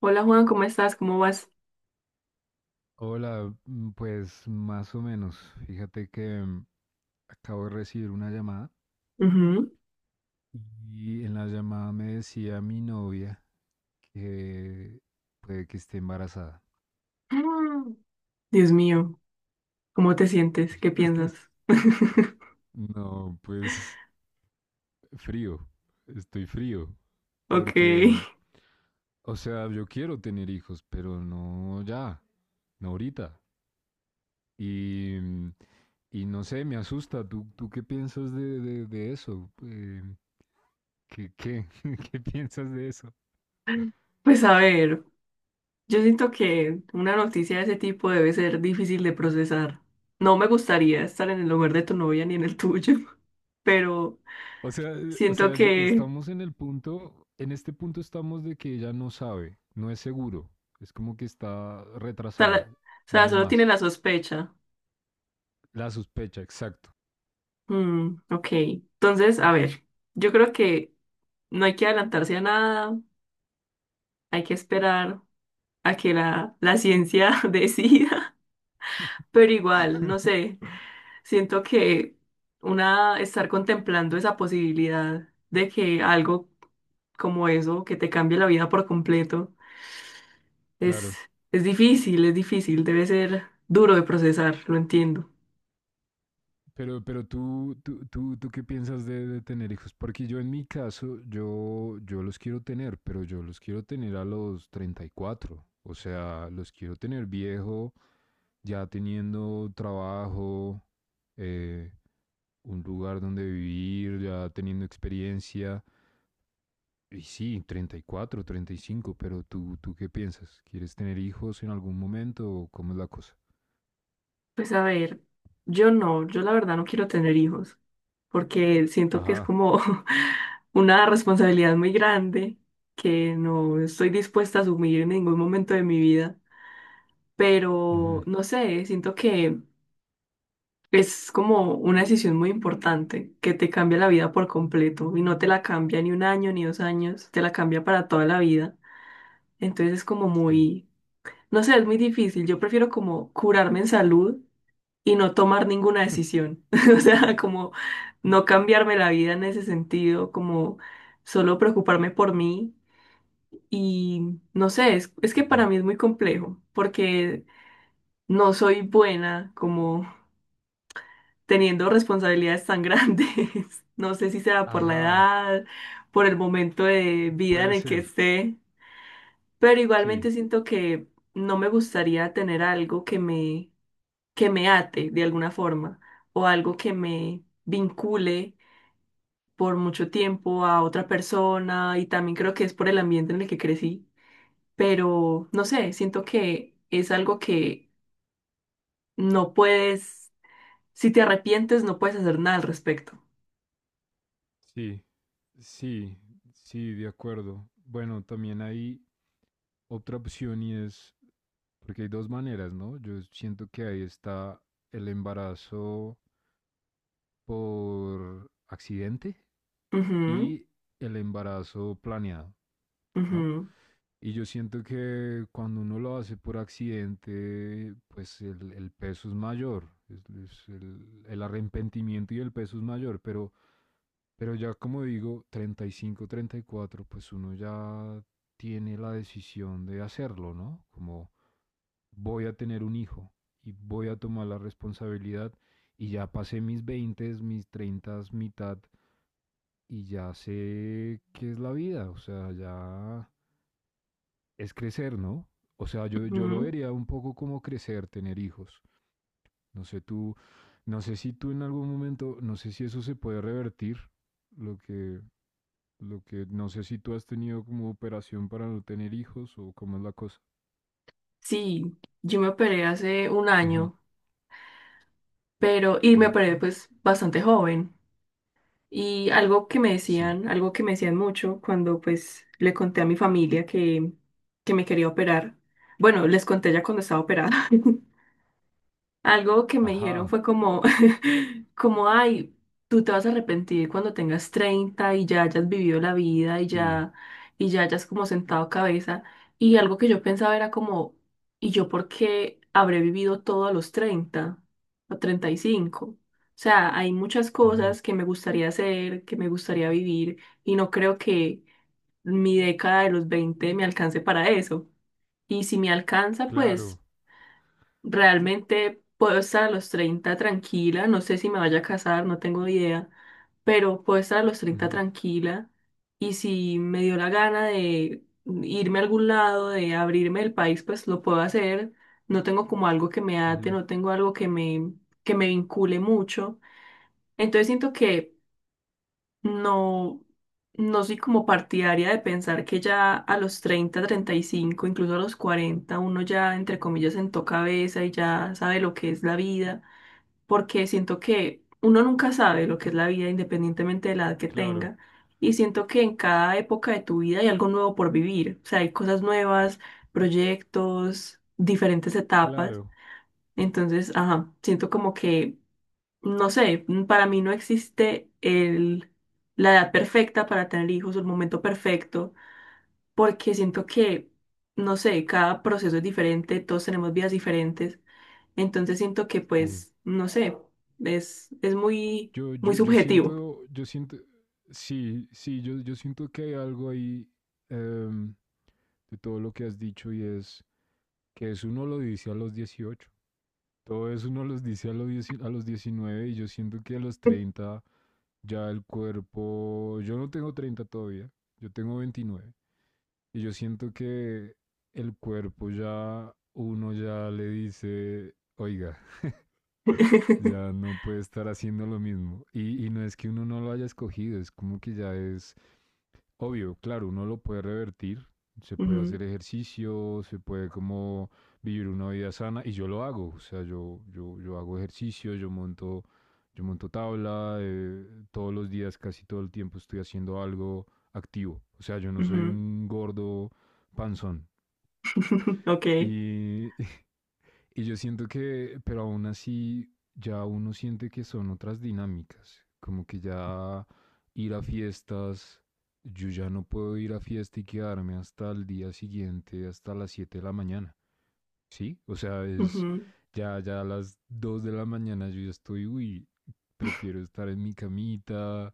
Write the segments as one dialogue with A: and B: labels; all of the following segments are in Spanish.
A: Hola Juan, ¿cómo estás? ¿Cómo vas?
B: Hola, pues más o menos. Fíjate que acabo de recibir una llamada
A: Ujú.
B: y en la llamada me decía mi novia que puede que esté embarazada.
A: Mm. Dios mío, ¿cómo te sientes? ¿Qué piensas?
B: No, pues frío, estoy frío,
A: Ok,
B: porque, o sea, yo quiero tener hijos, pero no ya, no ahorita. Y, mm, y no sé, me asusta. ¿Tú qué piensas de eso? ¿Qué, qué, qué piensas de eso?
A: pues a ver, yo siento que una noticia de ese tipo debe ser difícil de procesar. No me gustaría estar en el lugar de tu novia ni en el tuyo, pero
B: O
A: siento
B: sea,
A: que,
B: estamos en el punto, en este punto estamos de que ella no sabe, no es seguro, es como que está
A: o sea,
B: retrasada,
A: o sea,
B: no es
A: solo tiene
B: más.
A: la sospecha.
B: La sospecha, exacto.
A: Mm, ok, entonces, a ver, yo creo que no hay que adelantarse a nada, hay que esperar a que la ciencia decida, pero igual, no sé, siento que una estar contemplando esa posibilidad de que algo como eso, que te cambie la vida por completo, es,
B: Claro.
A: es difícil, debe ser duro de procesar, lo entiendo.
B: Pero tú qué piensas de tener hijos? Porque yo en mi caso, yo los quiero tener, pero yo los quiero tener a los 34. O sea, los quiero tener viejo, ya teniendo trabajo, eh, un lugar donde vivir, ya teniendo experiencia. Y sí, treinta y cuatro, 35. Pero tú, ¿tú qué piensas? ¿Quieres tener hijos en algún momento o cómo es la cosa?
A: Pues a ver, yo no, yo la verdad no quiero tener hijos, porque siento que es
B: Ajá.
A: como una responsabilidad muy grande que no estoy dispuesta a asumir en ningún momento de mi vida. Pero
B: Ujú,
A: no sé, siento que es como una decisión muy importante que te cambia la vida por completo y no te la cambia ni un año ni 2 años, te la cambia para toda la vida. Entonces es como
B: sí.
A: muy, no sé, es muy difícil. Yo prefiero como curarme en salud y no tomar ninguna decisión. O sea, como no cambiarme la vida en ese sentido, como solo preocuparme por mí. Y no sé, es que para
B: Ujú.
A: mí es muy complejo porque no soy buena como teniendo responsabilidades tan grandes. No sé si será por la
B: Ajá.
A: edad, por el momento de vida en
B: Puede
A: el que
B: ser.
A: esté, pero
B: Sí,
A: igualmente siento que no me gustaría tener algo que me, ate de alguna forma o algo que me vincule por mucho tiempo a otra persona, y también creo que es por el ambiente en el que crecí, pero no sé, siento que es algo que no puedes, si te arrepientes, no puedes hacer nada al respecto.
B: sí, sí, sí, de acuerdo. Bueno, también hay otra opción y es, porque hay dos maneras, ¿no? Yo siento que ahí está el embarazo por accidente
A: Ujú,
B: y el embarazo planeado, ¿no?
A: ujú.
B: Y yo siento que cuando uno lo hace por accidente, pues el peso es mayor, es el arrepentimiento y el peso es mayor, pero ya como digo, treinta y cinco, 34, pues uno ya tiene la decisión de hacerlo, ¿no? Como voy a tener un hijo y voy a tomar la responsabilidad y ya pasé mis 20, mis 30, mitad y ya sé qué es la vida, o sea, ya es crecer, ¿no? O sea, yo lo
A: Ujú.
B: vería un poco como crecer, tener hijos. No sé tú, no sé si tú en algún momento, no sé si eso se puede revertir, lo que, no sé si tú has tenido como operación para no tener hijos o cómo es la cosa.
A: Sí, yo me operé hace un
B: Ujú,
A: año, y
B: ok,
A: me operé pues bastante joven. Y algo que me
B: sí.
A: decían, algo que me decían mucho cuando pues le conté a mi familia que me quería operar. Bueno, les conté ya cuando estaba operada. Algo que me dijeron
B: Ajá,
A: fue como, como, ay, tú te vas a arrepentir cuando tengas 30 y ya hayas vivido la vida,
B: sí.
A: y ya hayas como sentado cabeza. Y algo que yo pensaba era como, ¿y yo por qué habré vivido todo a los 30 o 35? O sea, hay muchas
B: Ujú,
A: cosas que me gustaría hacer, que me gustaría vivir, y no creo que mi década de los 20 me alcance para eso. Y si me alcanza, pues.
B: claro.
A: Realmente puedo estar a los 30 tranquila, no sé si me vaya a casar, no tengo idea, pero puedo estar a los 30
B: Ujú,
A: tranquila, y si me dio la gana de irme a algún lado, de abrirme el país, pues lo puedo hacer. No tengo como algo que me ate,
B: ujú,
A: no tengo algo que me, vincule mucho. Entonces siento que no, no soy como partidaria de pensar que ya a los 30, 35, incluso a los 40, uno ya, entre comillas, sentó cabeza y ya sabe lo que es la vida, porque siento que uno nunca sabe lo que es la vida independientemente de la edad que
B: claro,
A: tenga. Y siento que en cada época de tu vida hay algo nuevo por vivir, o sea, hay cosas nuevas, proyectos, diferentes etapas.
B: claro.
A: Entonces, ajá, siento como que no sé, para mí no existe la edad perfecta para tener hijos o el momento perfecto, porque siento que, no sé, cada proceso es diferente, todos tenemos vidas diferentes, entonces siento que
B: Sí.
A: pues, no sé, es muy,
B: Yo,
A: muy
B: yo, yo
A: subjetivo.
B: siento, yo siento, sí, sí, yo siento que hay algo ahí em, de todo lo que has dicho y es que eso uno lo dice a los 18. Todo eso uno los dice a los 19 y yo siento que a los 30 ya el cuerpo, yo no tengo 30 todavía, yo tengo 29 y yo siento que el cuerpo ya, uno ya le dice, oiga, ya no puede estar haciendo lo mismo. Y no es que uno no lo haya escogido, es como que ya es obvio, claro, uno lo puede revertir, se puede hacer
A: Ujú,
B: ejercicio, se puede como vivir una vida sana y yo lo hago, o sea, yo hago ejercicio, yo monto tabla, todos los días, casi todo el tiempo estoy haciendo algo activo, o sea, yo no soy
A: ujú,
B: un gordo panzón.
A: ok.
B: Y, Y yo siento que, pero aún así, ya uno siente que son otras dinámicas, como que ya ir a fiestas, yo ya no puedo ir a fiesta y quedarme hasta el día siguiente, hasta las 7 de la mañana. Sí, o sea,
A: Ujú,
B: ya a las 2 de la mañana yo ya estoy, uy, prefiero estar en mi camita,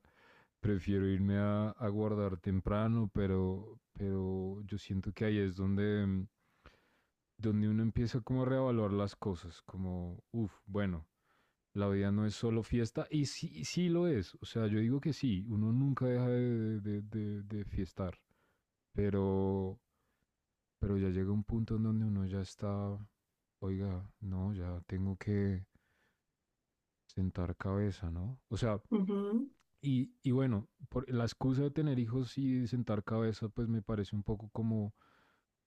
B: prefiero irme a guardar temprano, pero yo siento que ahí es donde, donde uno empieza como a reevaluar las cosas, como, uff, bueno, la vida no es solo fiesta y sí, sí lo es. O sea, yo digo que sí, uno nunca deja de fiestar, pero, pero ya llega un punto en donde uno ya está, oiga, no, ya tengo que sentar cabeza, ¿no? O sea,
A: ujú,
B: y bueno, por la excusa de tener hijos y sentar cabeza, pues me parece un poco como,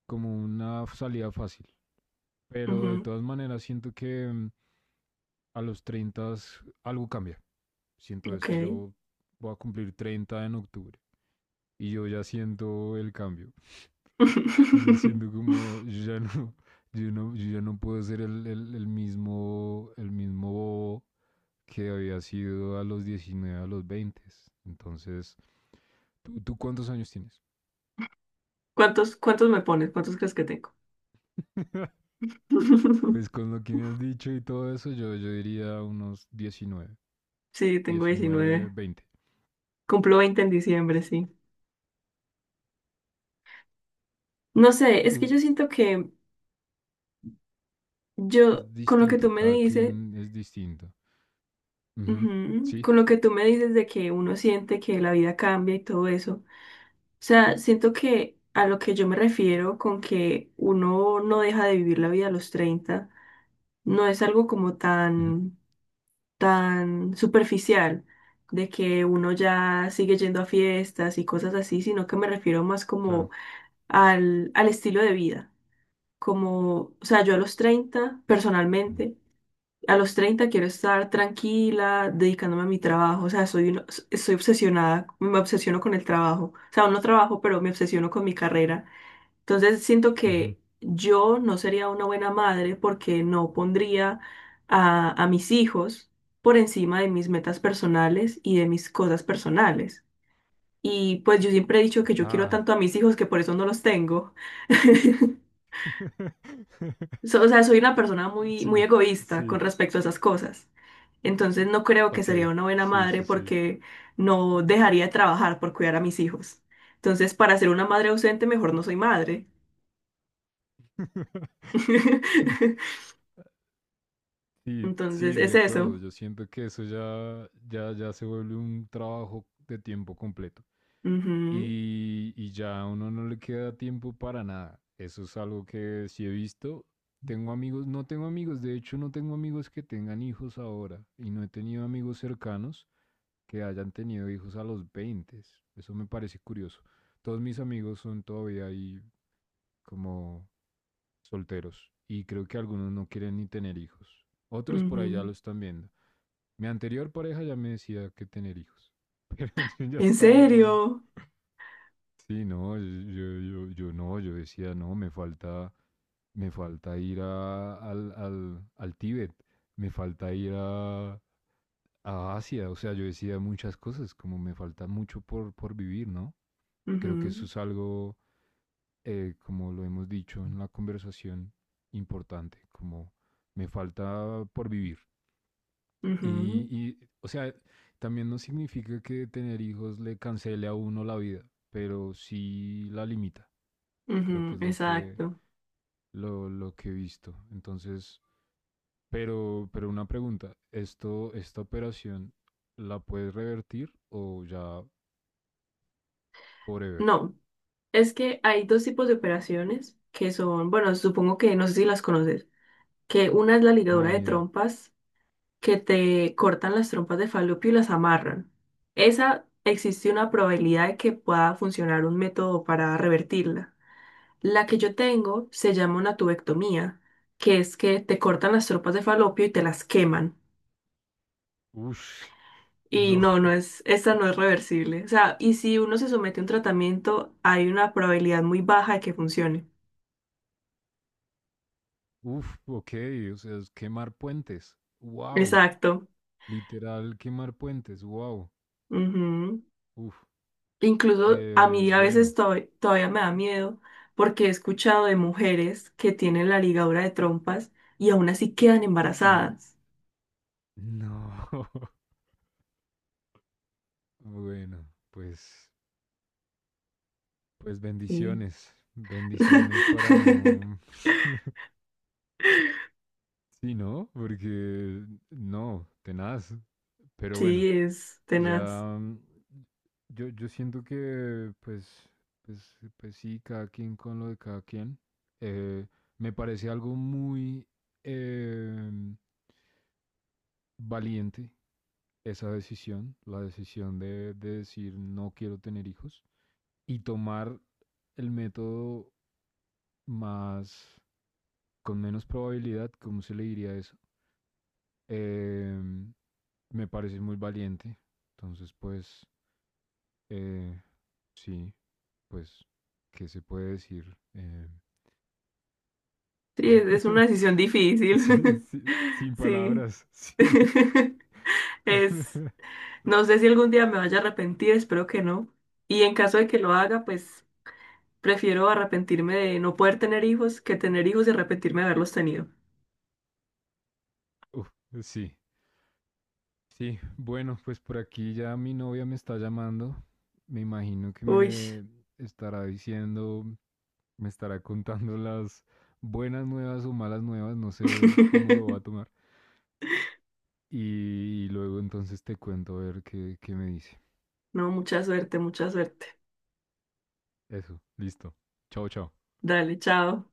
B: como una salida fácil. Pero de todas maneras siento que a los 30 algo cambia.
A: ujú,
B: Siento eso,
A: ok.
B: yo voy a cumplir 30 en octubre y yo ya siento el cambio. Yo ya siento como, yo ya no, yo ya no puedo ser el mismo, el mismo, bobo que había sido a los 19 a los 20. Entonces, ¿tú cuántos años tienes?
A: ¿Cuántos me pones? ¿Cuántos crees que tengo?
B: Pues con lo que me has dicho y todo eso, yo diría unos diecinueve,
A: Sí, tengo
B: 19,
A: 19.
B: 20.
A: Cumplo 20 en diciembre, sí. No sé, es que yo siento que yo,
B: Es
A: con lo que tú
B: distinto,
A: me
B: cada
A: dices,
B: quien es distinto. Uh -huh.
A: ujú,
B: Sí,
A: con lo que tú me dices de que uno siente que la vida cambia y todo eso, o sea, siento que a lo que yo me refiero con que uno no deja de vivir la vida a los 30 no es algo como
B: uh -huh.
A: tan, tan superficial, de que uno ya sigue yendo a fiestas y cosas así, sino que me refiero más como
B: Claro.
A: al estilo de vida. Como, o sea, yo a los 30
B: Uh
A: personalmente, a los 30 quiero estar tranquila, dedicándome a mi trabajo, o sea, soy obsesionada, me obsesiono con el trabajo, o sea, aún no trabajo, pero me obsesiono con mi carrera. Entonces siento
B: -huh.
A: que yo no sería una buena madre porque no pondría a mis hijos por encima de mis metas personales y de mis cosas personales. Y pues yo siempre he dicho que yo quiero
B: Ajá.
A: tanto a mis hijos que por eso no los tengo. O sea, soy una persona muy,
B: Sí,
A: muy egoísta
B: sí.
A: con respecto a esas cosas. Entonces no creo que
B: Ok,
A: sería una buena
B: sí,
A: madre
B: sí, sí.
A: porque no dejaría de trabajar por cuidar a mis hijos. Entonces, para ser una madre ausente, mejor no soy madre.
B: Sí,
A: Entonces,
B: sí,
A: es
B: de
A: eso.
B: acuerdo. Yo siento que eso ya se vuelve un trabajo de tiempo completo.
A: Ujú,
B: Y ya a uno no le queda tiempo para nada. Eso es algo que sí he visto. Tengo amigos, no tengo amigos, de hecho no tengo amigos que tengan hijos ahora y no he tenido amigos cercanos que hayan tenido hijos a los 20. Eso me parece curioso. Todos mis amigos son todavía ahí como solteros y creo que algunos no quieren ni tener hijos. Otros por ahí ya
A: ujú.
B: lo están viendo. Mi anterior pareja ya me decía que tener hijos, pero yo ya
A: ¿En
B: estaba como,
A: serio?
B: sí, no, yo no, yo decía, no, me falta ir al Tíbet, me falta ir a Asia, o sea, yo decía muchas cosas, como me falta mucho por vivir, ¿no? Creo que
A: Ujú,
B: eso es algo, como lo hemos dicho en la conversación, importante, como me falta por vivir. Y,
A: ujú,
B: y, o sea, también no significa que tener hijos le cancele a uno la vida, pero sí la limita. Creo que
A: ujú,
B: es lo que,
A: exacto.
B: lo, lo que he visto. Entonces, pero una pregunta, esta operación la puedes revertir o ya forever?
A: No, es que hay dos tipos de operaciones que son, bueno, supongo que no sé si las conoces, que una es la ligadura
B: No,
A: de
B: ni idea.
A: trompas, que te cortan las trompas de Falopio y las amarran. Esa existe una probabilidad de que pueda funcionar un método para revertirla. La que yo tengo se llama una tubectomía, que es que te cortan las trompas de Falopio y te las queman.
B: Ush,
A: Y
B: no.
A: no, no es, esta no es reversible. O sea, y si uno se somete a un tratamiento, hay una probabilidad muy baja de que funcione.
B: Uf, ok, o sea, es quemar puentes. Wow,
A: Exacto.
B: literal quemar puentes. Wow,
A: Ujú.
B: uf.
A: Incluso a
B: Eh,
A: mí a veces
B: bueno,
A: todavía me da miedo, porque he escuchado de mujeres que tienen la ligadura de trompas y aún así quedan
B: y
A: embarazadas.
B: no. bueno, pues, pues
A: Sí.
B: bendiciones. Bendiciones para no. Sí, ¿no? Porque no, tenaz. Pero bueno,
A: Sí, es tenaz.
B: ya yo siento que pues, sí, cada quien con lo de cada quien. Eh, me parece algo muy eh, valiente esa decisión, la decisión de decir no quiero tener hijos y tomar el método más, con menos probabilidad, ¿cómo se le diría eso? Em, Me parece muy valiente. Entonces, pues, eh, sí, pues, ¿qué se puede decir?
A: Sí, es una decisión
B: Sí,
A: difícil.
B: sí, sin
A: Sí.
B: palabras, sí.
A: Es, no sé si algún día me vaya a arrepentir, espero que no. Y en caso de que lo haga, pues prefiero arrepentirme de no poder tener hijos que tener hijos y arrepentirme de haberlos tenido.
B: Uf, sí, sí. Bueno, pues por aquí ya mi novia me está llamando. Me imagino que
A: Uy.
B: me estará diciendo, me estará contando las buenas nuevas o malas nuevas, no sé cómo lo va a tomar. Y luego entonces te cuento a ver qué me dice.
A: No, mucha suerte, mucha suerte.
B: Eso, listo. Chao, chao.
A: Dale, chao.